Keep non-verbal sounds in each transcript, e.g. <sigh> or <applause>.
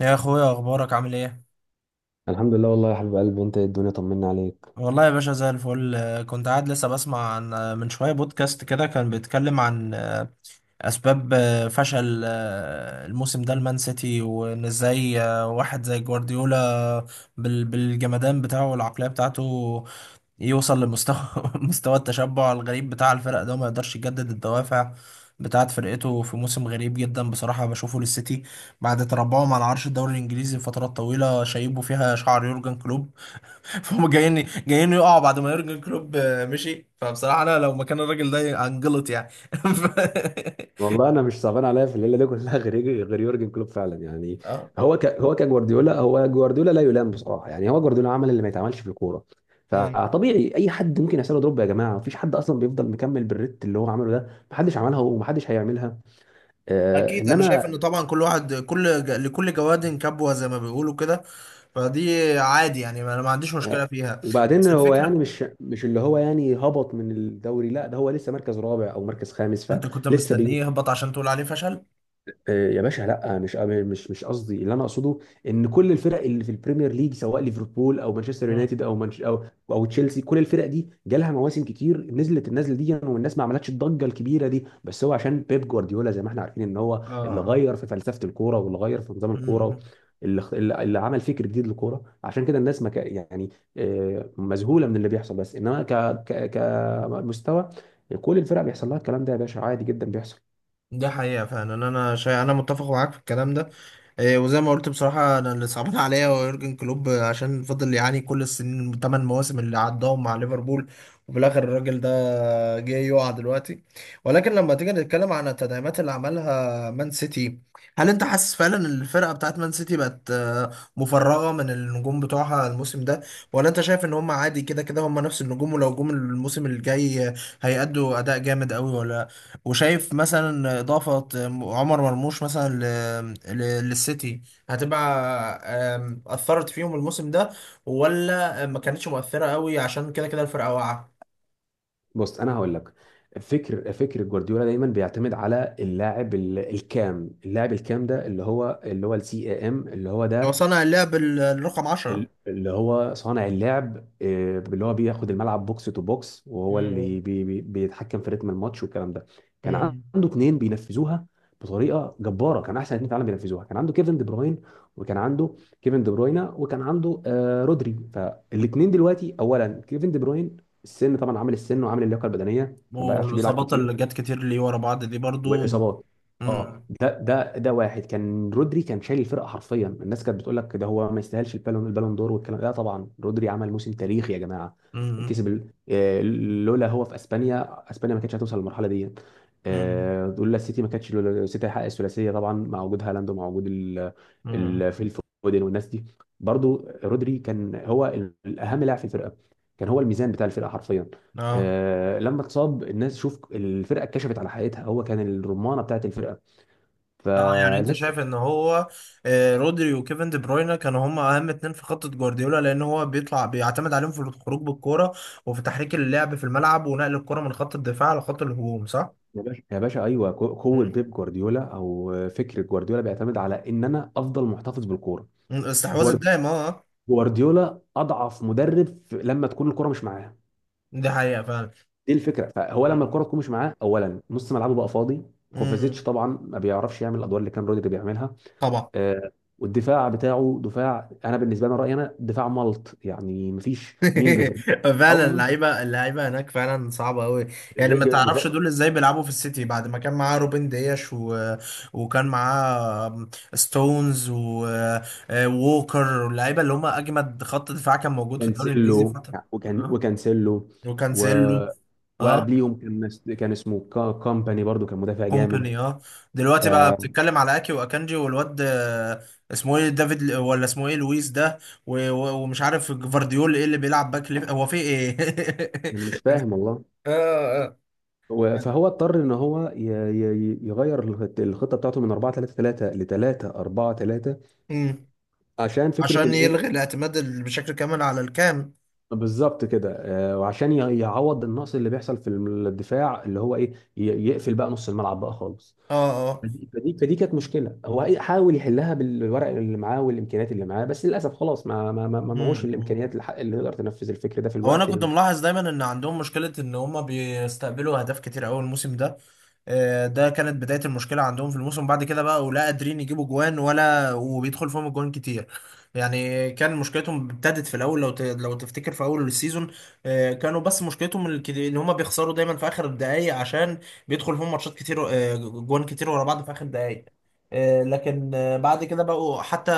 يا اخويا، اخبارك عامل ايه؟ الحمد لله والله يا حبيب قلبي، انت ايه؟ الدنيا طمنا عليك. والله يا باشا زي الفل. كنت قاعد لسه بسمع عن من شويه بودكاست كده كان بيتكلم عن اسباب فشل الموسم ده المان سيتي، وان ازاي واحد زي جوارديولا بالجمدان بتاعه والعقليه بتاعته يوصل لمستوى <laughs> مستوى التشبع الغريب بتاع الفرق ده، وما يقدرش يجدد الدوافع بتاعت فرقته في موسم غريب جدا. بصراحة بشوفه للسيتي بعد تربعهم على عرش الدوري الإنجليزي لفترات طويلة شايبه فيها شعر يورجن كلوب، فهم جايين جايين يقعوا بعد ما يورجن كلوب مشي. فبصراحه انا لو مكان الراجل ده هنجلط يعني. <laughs> ف- والله انا مش صعبان عليا في الليله دي كلها <laughs> غير يورجن كلوب فعلا يعني. اه. هو ك... هو كجوارديولا هو جوارديولا لا يلام بصراحه، يعني هو جوارديولا عمل اللي ما يتعملش في الكوره، مم. فطبيعي اي حد ممكن يحصل له دروب. يا جماعه، مفيش حد اصلا بيفضل مكمل بالريت اللي هو عمله ده، محدش عملها ومحدش هيعملها. آه، اكيد. انا شايف انما ان طبعا كل واحد، لكل جواد كبوه زي ما بيقولوا كده، فدي عادي يعني، انا ما عنديش مشكله آه، فيها. وبعدين بس هو الفكره، يعني مش اللي هو يعني هبط من الدوري، لا ده هو لسه مركز رابع او مركز خامس انت كنت فلسه. مستنيه يهبط عشان تقول عليه فشل؟ يا باشا لا، مش قصدي. اللي انا اقصده ان كل الفرق اللي في البريمير ليج، سواء ليفربول او مانشستر مم. يونايتد او منش او او تشيلسي، كل الفرق دي جالها مواسم كتير نزلت النزله دي والناس ما عملتش الضجه الكبيره دي، بس هو عشان بيب جوارديولا، زي ما احنا عارفين، ان هو اه اللي آه. غير في فلسفه الكوره واللي غير في نظام الكوره، مم. اللي اخت- اللي اللي عمل فكر جديد للكوره. عشان كده الناس ما ك... يعني مذهوله من اللي بيحصل، بس انما كمستوى كل الفرق بيحصل لها الكلام ده يا باشا، عادي جدا بيحصل. ده حقيقة فعلا، انا متفق معاك في الكلام ده. وزي ما قلت بصراحة، انا اللي صعبان <laughs> عليا هو يورجن كلوب عشان فضل يعاني كل السنين، الثمان مواسم اللي عداهم مع ليفربول، وفي الاخر الراجل ده جه يقع دلوقتي. ولكن لما تيجي نتكلم عن التدعيمات اللي عملها مان سيتي، هل انت حاسس فعلا ان الفرقة بتاعت مان سيتي بقت مفرغة من النجوم بتوعها الموسم ده؟ ولا انت شايف ان هم عادي كده كده هم نفس النجوم، ولو جم الموسم الجاي هيأدوا اداء جامد قوي؟ ولا وشايف مثلا إضافة عمر مرموش مثلا ل... للسيتي هتبقى أثرت فيهم الموسم ده، ولا ما كانتش مؤثرة قوي عشان كده كده الفرقة واقعة؟ بص انا هقول لك، فكر جوارديولا دايما بيعتمد على اللاعب الكام اللاعب الكام ده، اللي هو السي ام اللي هو هو ده، صنع اللعب الرقم عشرة. اللي هو صانع اللعب، اللي هو بياخد الملعب بوكس تو بوكس، وهو مم. اللي بي بي بيتحكم في رتم الماتش والكلام ده. كان مم. عنده اتنين بينفذوها بطريقه جباره، كان احسن اتنين في العالم بينفذوها. كان عنده كيفن دي بروين، وكان عنده كيفن دي بروينا، وكان عنده آه رودري. فالاتنين دلوقتي، اولا كيفن دي بروين، السن طبعا عامل، السن وعامل اللياقه البدنيه، فما بقاش بيلعب والإصابات كتير. اللي جت كتير ليه ورا بعض دي برضو. والاصابات اه، مم. ده واحد. كان رودري كان شايل الفرقه حرفيا، الناس كانت بتقول لك ده هو ما يستاهلش البالون، البالون دور والكلام ده، طبعا رودري عمل موسم تاريخي يا جماعه. مم. كسب لولا هو، في اسبانيا، اسبانيا ما كانتش هتوصل للمرحله دي، مم. لولا السيتي ما كانتش، لولا السيتي هيحقق الثلاثيه طبعا، مع وجود هالاند ومع وجود ال مم. ال فيل فودن والناس دي. برضو رودري كان هو الاهم لاعب في الفرقه، كان هو الميزان بتاع الفرقه حرفيا. اه لما اتصاب، الناس شوف الفرقه اتكشفت على حقيقتها، هو كان الرمانه بتاعت الفرقه. اه. يعني انت فالناس شايف ان هو رودري وكيفن دي بروينا كانوا هم اهم اتنين في خطة جوارديولا، لان هو بيطلع بيعتمد عليهم في الخروج بالكرة وفي تحريك اللعب في الملعب ونقل الكرة من خط الدفاع لخط الهجوم، صح؟ يا باشا ايوه، قوه مم. بيب جوارديولا او فكر جوارديولا بيعتمد على ان انا افضل محتفظ بالكوره. استحواذ جوار- الدائم، اه آه. جوارديولا اضعف مدرب لما تكون الكوره مش معاه، دي حقيقة فعلا. دي الفكره. فهو لما مم. الكوره تكون مش معاه، اولا نص ملعبه بقى فاضي. كوفازيتش مم. طبعا ما بيعرفش يعمل الادوار اللي كان رودري بيعملها، طبعا. آه، والدفاع بتاعه دفاع، انا بالنسبه لي رايي انا دفاع ملط يعني، مفيش مين جفر. <laughs> اه فعلا والله، اللعيبه هناك فعلا صعبه قوي. يعني ج- ما ج- تعرفش جفار- دول ازاي بيلعبوا في السيتي بعد ما كان معاه روبن دياش وكان معاه ستونز ووكر واللعيبه اللي هم اجمد خط دفاع كان موجود في الدوري الانجليزي كانسيلو، فتره. اه. وكانسيلو، و وكانسيلو. اه. وقبليهم كان كان اسمه كامباني برضو كان مدافع جامد. كومباني، اه. دلوقتي بقى فانا بتتكلم على اكي واكانجي والواد اسمه ايه، دافيد ولا اسمه ايه لويس ده، ومش عارف جفارديول ايه اللي بيلعب باك ليفت، هو في ايه. مش فاهم والله. <laughs> اه. فهو اضطر ان هو يغير الخطه بتاعته من 4 3 3 ل 3 4 3، امم. عشان فكره عشان الايه؟ يلغي الاعتماد بشكل كامل على الكام. بالظبط كده وعشان يعوض النقص اللي بيحصل في الدفاع، اللي هو ايه، يقفل بقى نص الملعب بقى خالص. اه اه. فدي كانت مشكله هو حاول يحلها بالورق اللي معاه والامكانيات اللي معاه، بس للاسف خلاص ما معهوش الامكانيات امم. اللي تقدر تنفذ الفكر ده في هو انا الوقت كنت المحدد. ملاحظ دايما ان عندهم مشكله ان هم بيستقبلوا اهداف كتير قوي الموسم ده. ده كانت بدايه المشكله عندهم في الموسم. بعد كده بقى ولا قادرين يجيبوا جوان ولا وبيدخل فيهم الجوان كتير. يعني كان مشكلتهم ابتدت في الاول، لو لو تفتكر في اول السيزون كانوا بس ان هم بيخسروا دايما في اخر الدقائق، عشان بيدخل فيهم ماتشات كتير جوان كتير ورا بعض في اخر الدقائق. لكن بعد كده بقوا حتى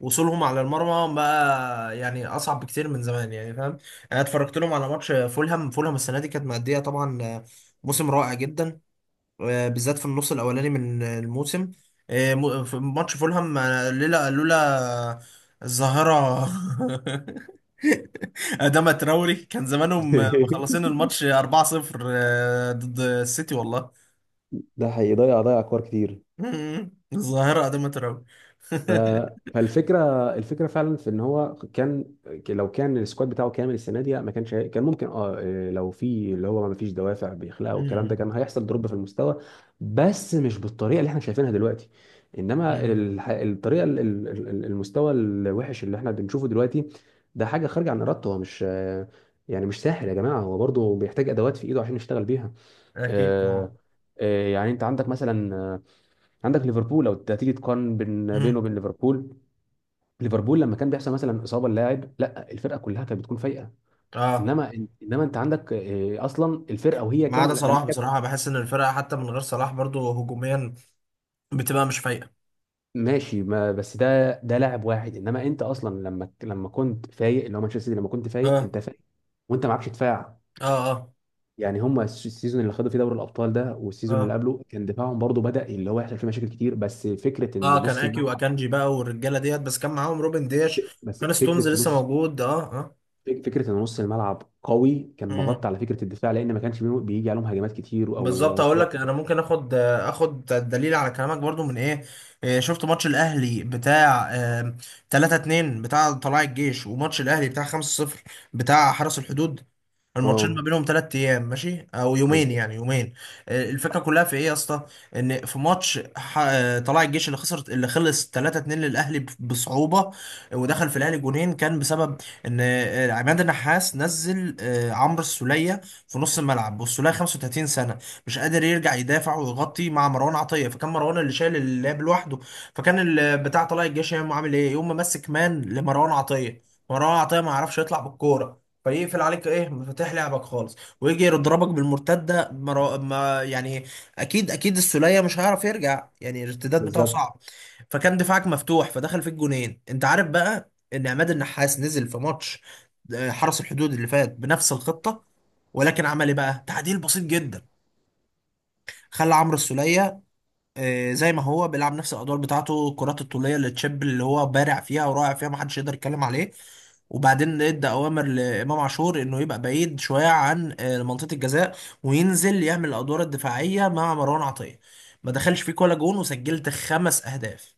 وصولهم على المرمى بقى يعني اصعب بكتير من زمان يعني، فاهم. انا اتفرجت لهم على ماتش فولهام. السنه دي كانت مأديه طبعا موسم رائع جدا بالذات في النص الاولاني من الموسم. في ماتش فولهام لولا الظاهره <laughs> أداما تراوري، كان زمانهم مخلصين <laughs> الماتش 4-0 ضد السيتي والله. ده حقيقي، ضيع كور كتير. <laughs> الظاهره أداما تراوري. ف... <laughs> فالفكره فعلا في ان هو كان، لو كان السكواد بتاعه كامل السنه دي ما كانش كان ممكن اه لو في اللي هو ما فيش دوافع بيخلقها والكلام ده، كان هيحصل دروب في المستوى، بس مش بالطريقه اللي احنا شايفينها دلوقتي. انما الح... الطريقه ال- ال- ال- المستوى الوحش اللي احنا بنشوفه دلوقتي، ده حاجه خارجه عن ارادته، هو مش يعني مش ساحر يا جماعه، هو برضه بيحتاج ادوات في ايده عشان يشتغل بيها. اكيد آه، طبعا. يعني انت عندك مثلا عندك ليفربول، لو تيجي تقارن بينه مم. وبين ليفربول. ليفربول لما كان بيحصل مثلا اصابه للاعب، لا الفرقه كلها كانت بتكون فايقه. اه. انما انت عندك اصلا الفرقه وهي ما كان عدا لما صلاح، كانت. بصراحه بحس ان الفرقه حتى من غير صلاح برضو هجوميا بتبقى مش فايقه. ماشي، ما بس ده لاعب واحد. انما انت اصلا لما كنت فايق، اللي هو مانشستر سيتي لما كنت فايق، اه. انت فايق وانت معكش دفاع. اه. اه. يعني هم السيزون اللي خدوا فيه دوري الابطال ده والسيزون اللي اه. قبله، كان دفاعهم برضو بدا اللي هو يحصل فيه مشاكل كتير، بس فكره ان اه. كان نص اكي الملعب، واكانجي بقى والرجاله ديت، بس كان معاهم روبن دياش، بس كان ستونز فكره لسه نص موجود. اه اه. فك- فكره ان نص الملعب قوي كان امم. مغطى على فكره الدفاع، لان ما كانش بيجي عليهم هجمات كتير بالظبط. او اقول كور. لك انا ممكن اخد دليل على كلامك برضو من ايه. شفت ماتش الاهلي بتاع 3-2 بتاع طلائع الجيش، وماتش الاهلي بتاع 5-0 بتاع حرس الحدود؟ الماتشين ما اه، بينهم ثلاث ايام، ماشي، او يومين، بالظبط يعني يومين. الفكره كلها في ايه يا اسطى؟ ان في ماتش طلائع الجيش اللي خسر، اللي خلص 3-2 للاهلي بصعوبه، ودخل في الاهلي جونين، كان بسبب ان عماد النحاس نزل عمرو السوليه في نص الملعب، والسوليه 35 سنه، مش قادر يرجع يدافع ويغطي مع مروان عطيه، فكان مروان اللي شايل اللعب لوحده. فكان بتاع طلائع الجيش يوم عامل ايه؟ يوم ماسك مان لمروان عطيه. مروان عطيه ما يعرفش يطلع بالكوره، فيقفل عليك ايه، مفاتيح لعبك خالص، ويجي يضربك بالمرتده. ما يعني، اكيد اكيد السوليه مش هيعرف يرجع، يعني الارتداد بتاعه بالظبط صعب. فكان دفاعك مفتوح، فدخل فيك جونين. انت عارف بقى ان عماد النحاس نزل في ماتش حرس الحدود اللي فات بنفس الخطه، ولكن عمل ايه بقى؟ تعديل بسيط جدا. خلى عمرو السوليه زي ما هو بيلعب نفس الادوار بتاعته، الكرات الطوليه اللي تشيب، اللي هو بارع فيها ورائع فيها، محدش يقدر يتكلم عليه، وبعدين ادى اوامر لامام عاشور انه يبقى بعيد شويه عن منطقه الجزاء، وينزل يعمل الادوار الدفاعيه مع مروان عطيه. ما دخلش فيك ولا جون، وسجلت خمس اهداف.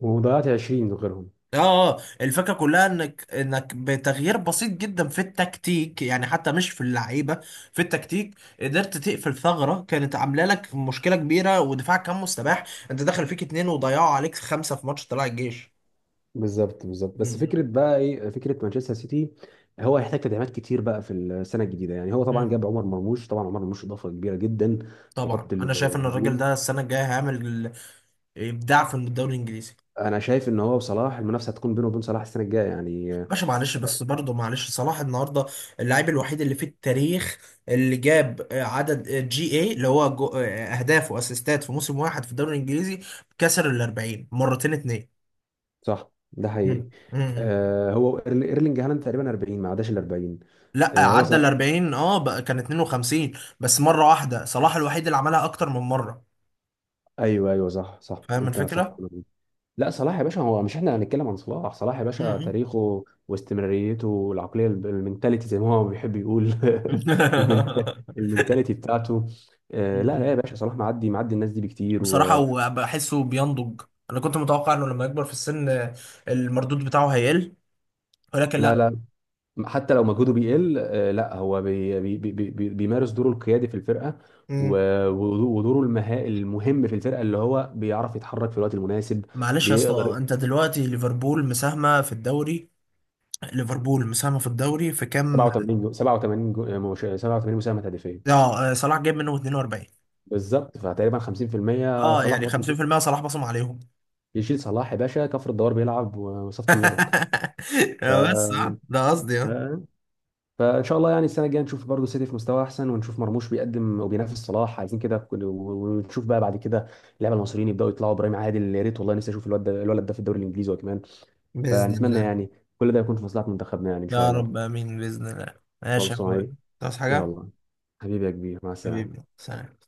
وضيعت 20 غيرهم. اه. الفكره كلها انك انك بتغيير بسيط جدا في التكتيك، يعني حتى مش في اللعيبه، في التكتيك، قدرت تقفل ثغره كانت عامله لك مشكله كبيره ودفاعك كان مستباح. انت دخل فيك اتنين وضيعوا عليك خمسه في ماتش طلع الجيش. بالظبط. بس مم. فكره بقى ايه فكره مانشستر سيتي، هو هيحتاج تدعيمات كتير بقى في السنه الجديده. يعني هو طبعا مم. جاب عمر مرموش، طبعا عمر مرموش اضافه كبيره جدا في طبعا. خط انا شايف ان الراجل الهجوم. ده السنه الجايه هيعمل ابداع في الدوري الانجليزي. انا شايف ان هو وصلاح، المنافسه هتكون بينه وبين صلاح السنه الجايه يعني، باشا معلش، بس برضه معلش، صلاح النهارده اللاعب الوحيد اللي في التاريخ اللي جاب عدد جي اي اللي هو اهداف واسيستات في موسم واحد في الدوري الانجليزي. كسر ال 40 مرتين اتنين. صح، ده حقيقي. مم. مم. آه هو ايرلينج هالاند تقريبا 40، ما عداش ال 40. لا آه هو عدى صلاح، ال 40، اه بقى كان 52 بس مره واحده، صلاح الوحيد اللي عملها اكتر من مره. ايوه ايوه صح صح فاهم انت صح. الفكره؟ لا صلاح يا باشا هو مش، احنا هنتكلم عن صلاح؟ صلاح يا باشا مم. تاريخه واستمراريته والعقليه المنتاليتي زي ما هو بيحب يقول. <laughs> المنت- <laughs> المنتاليتي بتاعته. لا لا مم. يا باشا، صلاح معدي معدي الناس دي بكتير بصراحه ولا. وبحسه بينضج. انا كنت متوقع انه لما يكبر في السن المردود بتاعه هيقل، لا ولكن لا، حتى لو مجهوده بيقل، لا هو بي بي بي بي بيمارس دوره القيادي في الفرقه، لا. و ودوره المهم في الفرقه، اللي هو بيعرف يتحرك في الوقت المناسب. معلش يا بيقدر اسطى، انت دلوقتي ليفربول مساهمة في الدوري، ليفربول مساهمة في الدوري في كام؟ 87 مساهمه هدفيه. اه صلاح جايب منه 42. بالظبط، فتقريبا 50% اه صلاح يعني بصل. 50% صلاح بصم عليهم. يشيل صلاح يا باشا كفر الدوار بيلعب وصفة اللبن. <laughs> ف... بس آه. ده قصدي. اه. فان شاء الله يعني السنه الجايه نشوف برضه سيتي في مستوى احسن، ونشوف مرموش بيقدم وبينافس صلاح، عايزين كده. ونشوف بقى بعد كده اللعيبه المصريين يبداوا يطلعوا، ابراهيم عادل يا ريت والله، نفسي اشوف الواد ده الولد ده في الدوري الانجليزي هو كمان. بإذن فنتمنى الله. يعني كل ده يكون في مصلحه منتخبنا يعني، ان شاء يا رب الله. آمين بإذن الله. ماشي يا أخوي. خلصانه، تصحى حاجة. يلا. حبيبي يا كبير، مع حبيبي السلامه. سلام.